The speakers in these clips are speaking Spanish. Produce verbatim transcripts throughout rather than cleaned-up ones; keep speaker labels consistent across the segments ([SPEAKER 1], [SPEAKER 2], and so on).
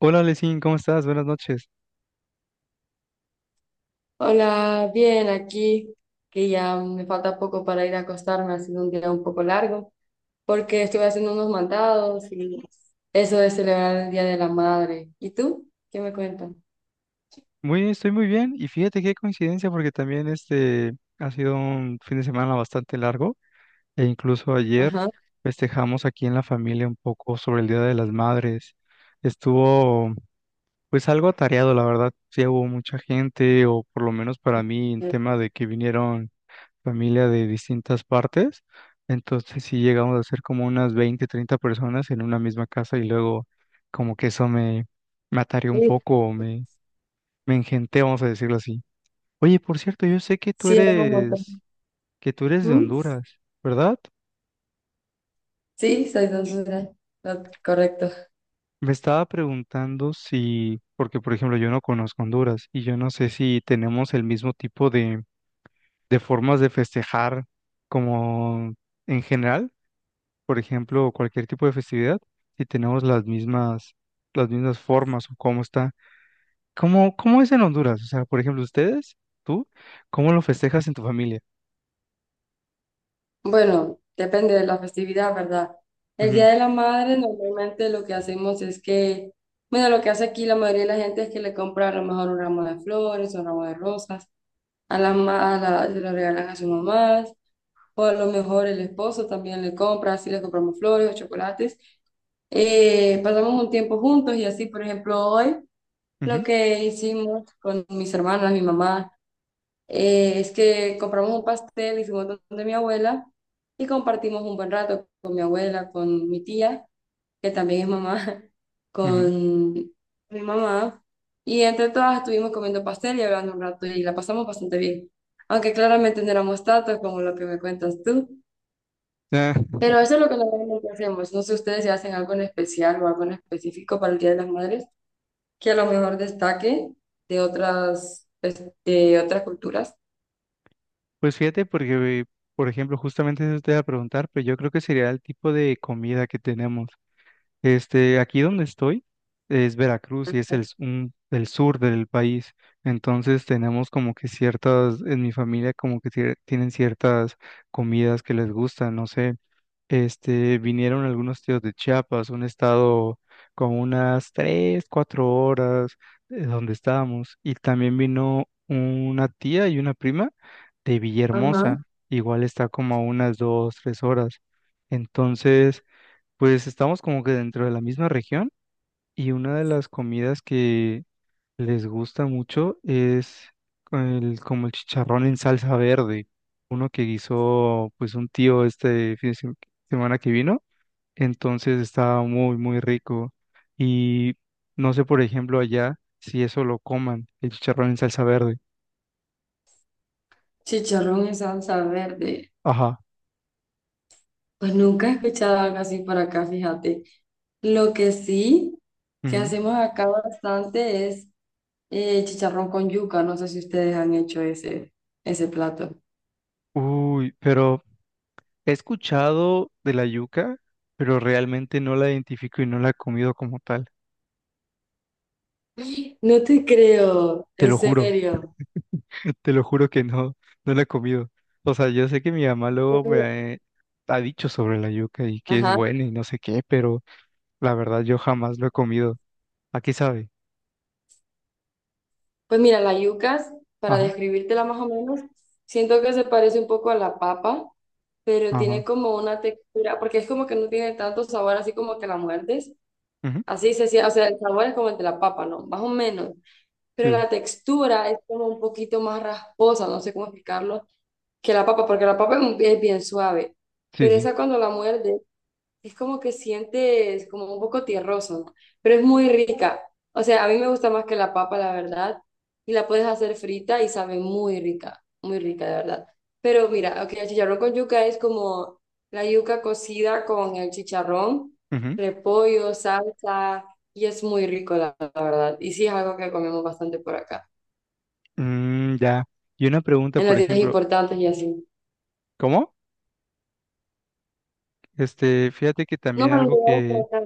[SPEAKER 1] Hola, Lesin, ¿cómo estás? Buenas noches.
[SPEAKER 2] Hola, bien, aquí que ya me falta poco para ir a acostarme, ha sido un día un poco largo, porque estuve haciendo unos mandados y eso de celebrar el Día de la Madre. ¿Y tú? ¿Qué me cuentas?
[SPEAKER 1] Muy, estoy muy bien y fíjate qué coincidencia porque también este ha sido un fin de semana bastante largo e incluso ayer
[SPEAKER 2] Ajá.
[SPEAKER 1] festejamos aquí en la familia un poco sobre el Día de las Madres. Estuvo pues algo atareado, la verdad. Sí hubo mucha gente o por lo menos para mí en tema de que vinieron familia de distintas partes. Entonces sí llegamos a ser como unas veinte, treinta personas en una misma casa y luego como que eso me, me atareó un
[SPEAKER 2] Sí,
[SPEAKER 1] poco, o me, me engenté, vamos a decirlo así. Oye, por cierto, yo sé que tú
[SPEAKER 2] sí, hago un montón.
[SPEAKER 1] eres, que tú eres de
[SPEAKER 2] ¿Mm?
[SPEAKER 1] Honduras, ¿verdad?
[SPEAKER 2] Sí, soy de Honduras. No, correcto.
[SPEAKER 1] Me estaba preguntando si, porque por ejemplo yo no conozco Honduras y yo no sé si tenemos el mismo tipo de, de formas de festejar como en general. Por ejemplo, cualquier tipo de festividad, si tenemos las mismas, las mismas formas o cómo está. ¿Cómo, cómo es en Honduras? O sea, por ejemplo, ustedes, tú, ¿cómo lo festejas en tu familia?
[SPEAKER 2] Bueno, depende de la festividad, ¿verdad? El
[SPEAKER 1] Ujú,
[SPEAKER 2] Día de la Madre normalmente lo que hacemos es que, bueno, lo que hace aquí la mayoría de la gente es que le compra a lo mejor un ramo de flores, un ramo de rosas a la, ma- a la- se lo regalan a sus mamás o a lo mejor el esposo también le compra, así le compramos flores o chocolates. Eh, pasamos un tiempo juntos y así, por ejemplo, hoy lo
[SPEAKER 1] ujú,
[SPEAKER 2] que hicimos con mis hermanas, mi mamá, eh, es que compramos un pastel, hicimos donde mi abuela y compartimos un buen rato con mi abuela, con mi tía que también es mamá,
[SPEAKER 1] ujú.
[SPEAKER 2] con mi mamá. Y entre todas estuvimos comiendo pastel y hablando un rato y la pasamos bastante bien. Aunque claramente no éramos tantos como lo que me cuentas tú.
[SPEAKER 1] Ah,
[SPEAKER 2] Pero eso es lo que normalmente hacemos. No sé ustedes si hacen algo en especial o algo en específico para el Día de las Madres que a lo mejor destaque de otras, pues, de otras culturas.
[SPEAKER 1] pues fíjate, porque, por ejemplo, justamente eso te iba a preguntar, pero yo creo que sería el tipo de comida que tenemos. Este, aquí donde estoy es Veracruz y es el, s- un- el sur del país. Entonces tenemos como que ciertas, en mi familia como que tie- tienen ciertas comidas que les gustan, no sé. Este, vinieron algunos tíos de Chiapas, un estado como unas tres, cuatro horas de donde estábamos. Y también vino una tía y una prima de
[SPEAKER 2] Ajá.
[SPEAKER 1] Villahermosa. Igual está como a unas dos, tres horas. Entonces, pues estamos como que dentro de la misma región y una de las comidas que les gusta mucho es el, como el chicharrón en salsa verde, uno que guisó pues un tío este fin de sem- semana que vino, entonces estaba muy muy rico y no sé por ejemplo allá si eso lo coman, el chicharrón en salsa verde.
[SPEAKER 2] Chicharrón en salsa verde.
[SPEAKER 1] Ajá.
[SPEAKER 2] Pues nunca he escuchado algo así por acá, fíjate. Lo que sí que
[SPEAKER 1] Ujú.
[SPEAKER 2] hacemos acá bastante es eh, chicharrón con yuca. No sé si ustedes han hecho ese, ese plato.
[SPEAKER 1] Uy, pero he escuchado de la yuca, pero realmente no la identifico y no la he comido como tal.
[SPEAKER 2] No te creo,
[SPEAKER 1] Te
[SPEAKER 2] en
[SPEAKER 1] lo juro,
[SPEAKER 2] serio.
[SPEAKER 1] te lo juro que no, no la he comido. O sea, yo sé que mi mamá luego me ha dicho sobre la yuca y que es
[SPEAKER 2] Ajá.
[SPEAKER 1] buena y no sé qué, pero la verdad yo jamás lo he comido. Aquí sabe.
[SPEAKER 2] Pues mira, la yucas, para
[SPEAKER 1] Ajá,
[SPEAKER 2] describírtela más o menos, siento que se parece un poco a la papa, pero
[SPEAKER 1] ajá.
[SPEAKER 2] tiene como una textura, porque es como que no tiene tanto sabor, así como que la muerdes.
[SPEAKER 1] Ujú,
[SPEAKER 2] Así se siente, o sea, el sabor es como el de la papa, ¿no? Más o menos. Pero
[SPEAKER 1] sí,
[SPEAKER 2] la textura es como un poquito más rasposa, no sé cómo explicarlo que la papa, porque la papa es, un- es bien suave,
[SPEAKER 1] sí,
[SPEAKER 2] pero
[SPEAKER 1] sí.
[SPEAKER 2] esa cuando la muerde es como que sientes como un poco tierroso, ¿no? Pero es muy rica. O sea, a mí me gusta más que la papa, la verdad, y la puedes hacer frita y sabe muy rica, muy rica, de verdad. Pero mira, ok, el chicharrón con yuca es como la yuca cocida con el chicharrón,
[SPEAKER 1] Ujú.
[SPEAKER 2] repollo, salsa, y es muy rico, la, la verdad. Y sí es algo que comemos bastante por acá,
[SPEAKER 1] Mm, ya. Y una pregunta,
[SPEAKER 2] en las
[SPEAKER 1] por
[SPEAKER 2] tiendas
[SPEAKER 1] ejemplo,
[SPEAKER 2] importantes y así.
[SPEAKER 1] ¿cómo? Este, fíjate que
[SPEAKER 2] No,
[SPEAKER 1] también
[SPEAKER 2] en
[SPEAKER 1] algo
[SPEAKER 2] lugares
[SPEAKER 1] que
[SPEAKER 2] por acá.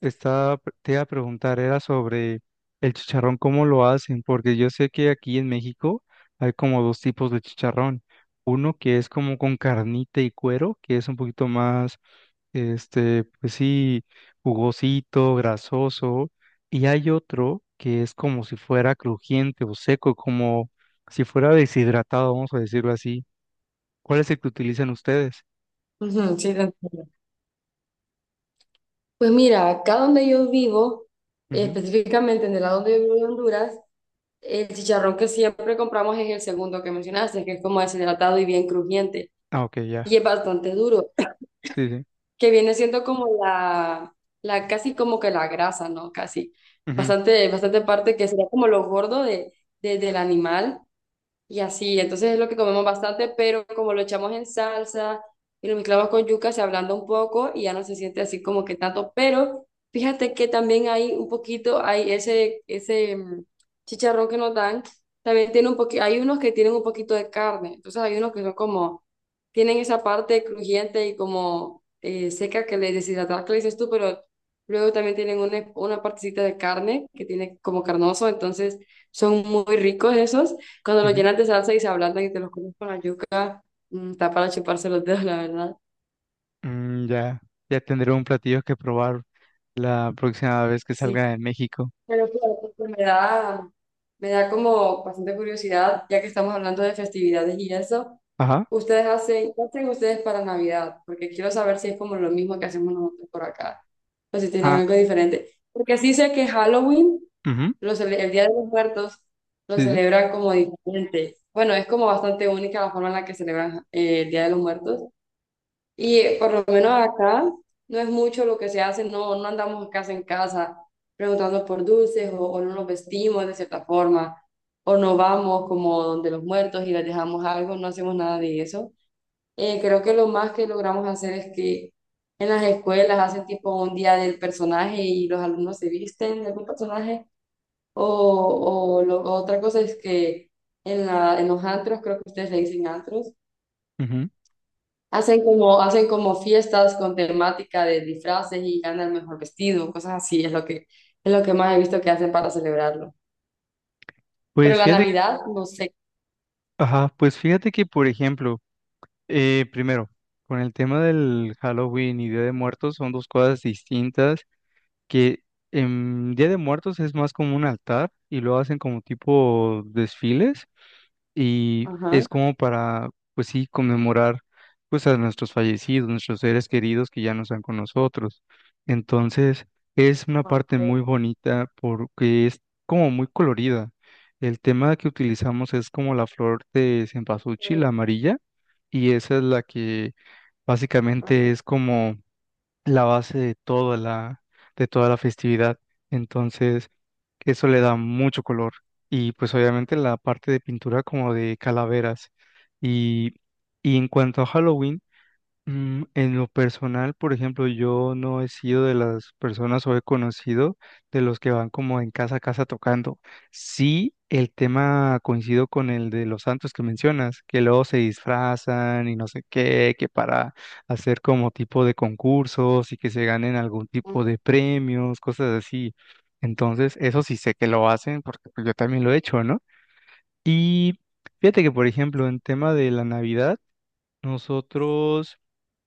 [SPEAKER 1] estaba, te iba a preguntar, era sobre el chicharrón, cómo lo hacen, porque yo sé que aquí en México hay como dos tipos de chicharrón. Uno que es como con carnita y cuero, que es un poquito más, este, pues sí, jugosito, grasoso. Y hay otro que es como si fuera crujiente o seco, como si fuera deshidratado, vamos a decirlo así. ¿Cuál es el que utilizan ustedes?
[SPEAKER 2] Ujú, sí, te entiendo. Pues mira, acá donde yo vivo, eh,
[SPEAKER 1] Ujú.
[SPEAKER 2] específicamente en el lado donde yo vivo de Honduras, el chicharrón que siempre compramos es el segundo que mencionaste, que es como deshidratado y bien crujiente,
[SPEAKER 1] Ah, ok, ya.
[SPEAKER 2] y es bastante duro,
[SPEAKER 1] Sí, sí.
[SPEAKER 2] que viene siendo como la, la casi como que la grasa, ¿no? Casi,
[SPEAKER 1] Ujú,
[SPEAKER 2] bastante, bastante parte que sería como lo gordo de, de- del animal. Y así, entonces es lo que comemos bastante, pero como lo echamos en salsa y lo mezclamos con yuca, se ablanda un poco y ya no se siente así como que tanto. Pero fíjate que también hay un poquito, hay ese, ese mm, chicharrón que nos dan, también tiene un poquito, hay unos que tienen un poquito de carne, entonces hay unos que son como, tienen esa parte crujiente y como eh, seca que le deshidratada que le dices tú, pero luego también tienen una, una partecita de carne que tiene como carnoso, entonces son muy ricos esos. Cuando los
[SPEAKER 1] ujú.
[SPEAKER 2] llenas de salsa y se ablandan y te los comes con la yuca, mm, está para chuparse los dedos, la verdad.
[SPEAKER 1] Mm, ya, ya tendré un platillo que probar la próxima vez que
[SPEAKER 2] Sí.
[SPEAKER 1] salga de México.
[SPEAKER 2] Pero claro, pues, pues, me da, me da como bastante curiosidad, ya que estamos hablando de festividades y eso.
[SPEAKER 1] Ajá.
[SPEAKER 2] ¿Ustedes hacen, qué hacen ustedes para Navidad? Porque quiero saber si es como lo mismo que hacemos nosotros por acá, o si tienen
[SPEAKER 1] Ah,
[SPEAKER 2] algo diferente. Porque sí sé que Halloween,
[SPEAKER 1] ujú,
[SPEAKER 2] lo cele- el Día de los Muertos, lo
[SPEAKER 1] sí, sí.
[SPEAKER 2] celebran como diferente. Bueno, es como bastante única la forma en la que celebran eh, el Día de los Muertos. Y eh, por lo menos acá no es mucho lo que se hace, no, no andamos casa en casa preguntando por dulces o, o no nos vestimos de cierta forma, o no vamos como donde los muertos y les dejamos algo, no hacemos nada de eso. Eh, creo que lo más que logramos hacer es que en las escuelas hacen tipo un día del personaje y los alumnos se visten de algún personaje, o, o lo- otra cosa es que en, la, en los antros, creo que ustedes le dicen antros.
[SPEAKER 1] Ujú.
[SPEAKER 2] Hacen como, hacen como fiestas con temática de disfraces y gana el mejor vestido, cosas así, es lo que, es lo que más he visto que hacen para celebrarlo. Pero
[SPEAKER 1] Pues
[SPEAKER 2] la
[SPEAKER 1] fíjate que,
[SPEAKER 2] Navidad, no sé.
[SPEAKER 1] ajá, pues fíjate que, por ejemplo, eh, primero, con el tema del Halloween y Día de Muertos son dos cosas distintas que en Día de Muertos es más como un altar y lo hacen como tipo desfiles y
[SPEAKER 2] Ajá.
[SPEAKER 1] es como para, pues sí, conmemorar pues a nuestros fallecidos, nuestros seres queridos que ya no están con nosotros. Entonces, es una
[SPEAKER 2] Ah,
[SPEAKER 1] parte muy
[SPEAKER 2] ok.
[SPEAKER 1] bonita porque es como muy colorida. El tema que utilizamos es como la flor de cempasúchil, la amarilla, y esa es la que
[SPEAKER 2] Ajá.
[SPEAKER 1] básicamente es como la base de toda la, de toda la festividad. Entonces, eso le da mucho color. Y pues obviamente la parte de pintura como de calaveras. Y, y en cuanto a Halloween, mm, en lo personal, por ejemplo, yo no he sido de las personas o he conocido de los que van como en casa a casa tocando. Sí, el tema coincido con el de los santos que mencionas, que luego se disfrazan y no sé qué, que para hacer como tipo de concursos y que se ganen algún tipo de premios, cosas así. Entonces, eso sí sé que lo hacen porque pues, yo también lo he hecho, ¿no? Y fíjate que, por ejemplo, en tema de la Navidad, nosotros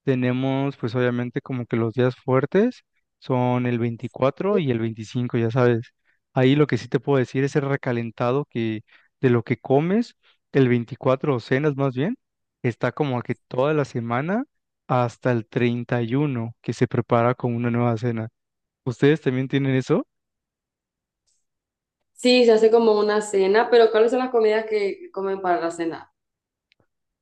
[SPEAKER 1] tenemos, pues obviamente como que los días fuertes son el veinticuatro y el veinticinco ya sabes. Ahí lo que sí te puedo decir es el recalentado que de lo que comes, el veinticuatro o cenas más bien, está como que toda la semana hasta el treinta y uno que se prepara con una nueva cena. ¿Ustedes también tienen eso?
[SPEAKER 2] Sí, se hace como una cena, pero ¿cuáles son las comidas que comen para la cena?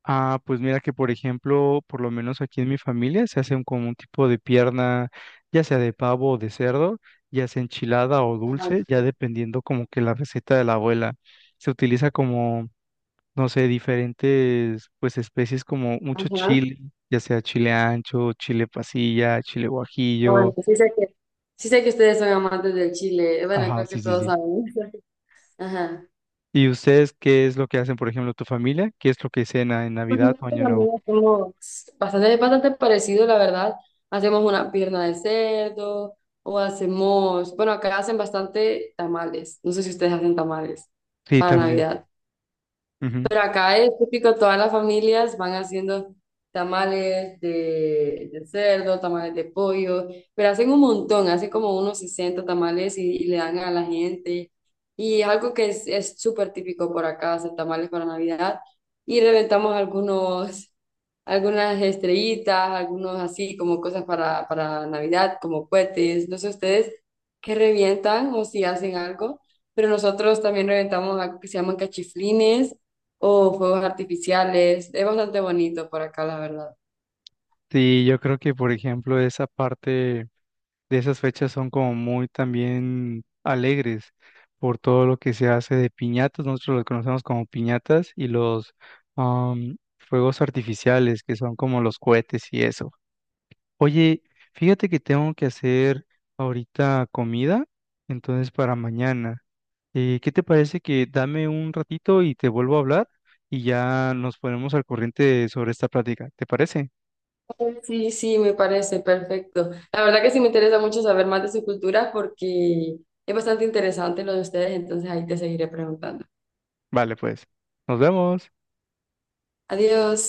[SPEAKER 1] Ah, pues mira que por ejemplo, por lo menos aquí en mi familia se hace un- como un tipo de pierna, ya sea de pavo o de cerdo, ya sea enchilada o
[SPEAKER 2] Ajá.
[SPEAKER 1] dulce, ya dependiendo como que la receta de la abuela. Se utiliza como, no sé, diferentes pues especies como mucho
[SPEAKER 2] Ajá. Ah,
[SPEAKER 1] chile, ya sea chile ancho, chile pasilla, chile guajillo.
[SPEAKER 2] bueno, sí sé que, sí sé que ustedes son amantes del chile. Bueno,
[SPEAKER 1] Ajá,
[SPEAKER 2] creo que
[SPEAKER 1] sí, sí,
[SPEAKER 2] todos
[SPEAKER 1] sí.
[SPEAKER 2] saben. Ajá.
[SPEAKER 1] ¿Y ustedes qué es lo que hacen, por ejemplo, tu familia? ¿Qué es lo que cena en
[SPEAKER 2] Con el
[SPEAKER 1] Navidad o
[SPEAKER 2] gato
[SPEAKER 1] Año
[SPEAKER 2] también
[SPEAKER 1] Nuevo?
[SPEAKER 2] hacemos bastante, es bastante parecido, la verdad. Hacemos una pierna de cerdo o hacemos, bueno, acá hacen bastante tamales. No sé si ustedes hacen tamales
[SPEAKER 1] Sí,
[SPEAKER 2] para
[SPEAKER 1] también.
[SPEAKER 2] Navidad, pero acá es típico, todas las familias van haciendo tamales de, de cerdo, tamales de pollo, pero hacen un montón, hacen como unos sesenta tamales y, y le dan a la gente. Y es algo que es es súper típico por acá, hacer tamales para Navidad y reventamos algunos algunas estrellitas, algunos así como cosas para, para Navidad, como cohetes, no sé ustedes qué revientan o si hacen algo, pero nosotros también reventamos algo que se llaman cachiflines o fuegos artificiales, es bastante bonito por acá, la verdad.
[SPEAKER 1] Sí, yo creo que, por ejemplo, esa parte de esas fechas son como muy también alegres por todo lo que se hace de piñatas. Nosotros los conocemos como piñatas y los am, fuegos artificiales, que son como los cohetes y eso. Oye, fíjate que tengo que hacer ahorita comida, entonces para mañana. Eh, ¿qué te parece que dame un ratito y te vuelvo a hablar y ya nos ponemos al corriente sobre esta plática? ¿Te parece?
[SPEAKER 2] Sí, sí, me parece perfecto. La verdad que sí me interesa mucho saber más de su cultura porque es bastante interesante lo de ustedes, entonces ahí te seguiré preguntando.
[SPEAKER 1] Vale, pues. Nos vemos.
[SPEAKER 2] Adiós.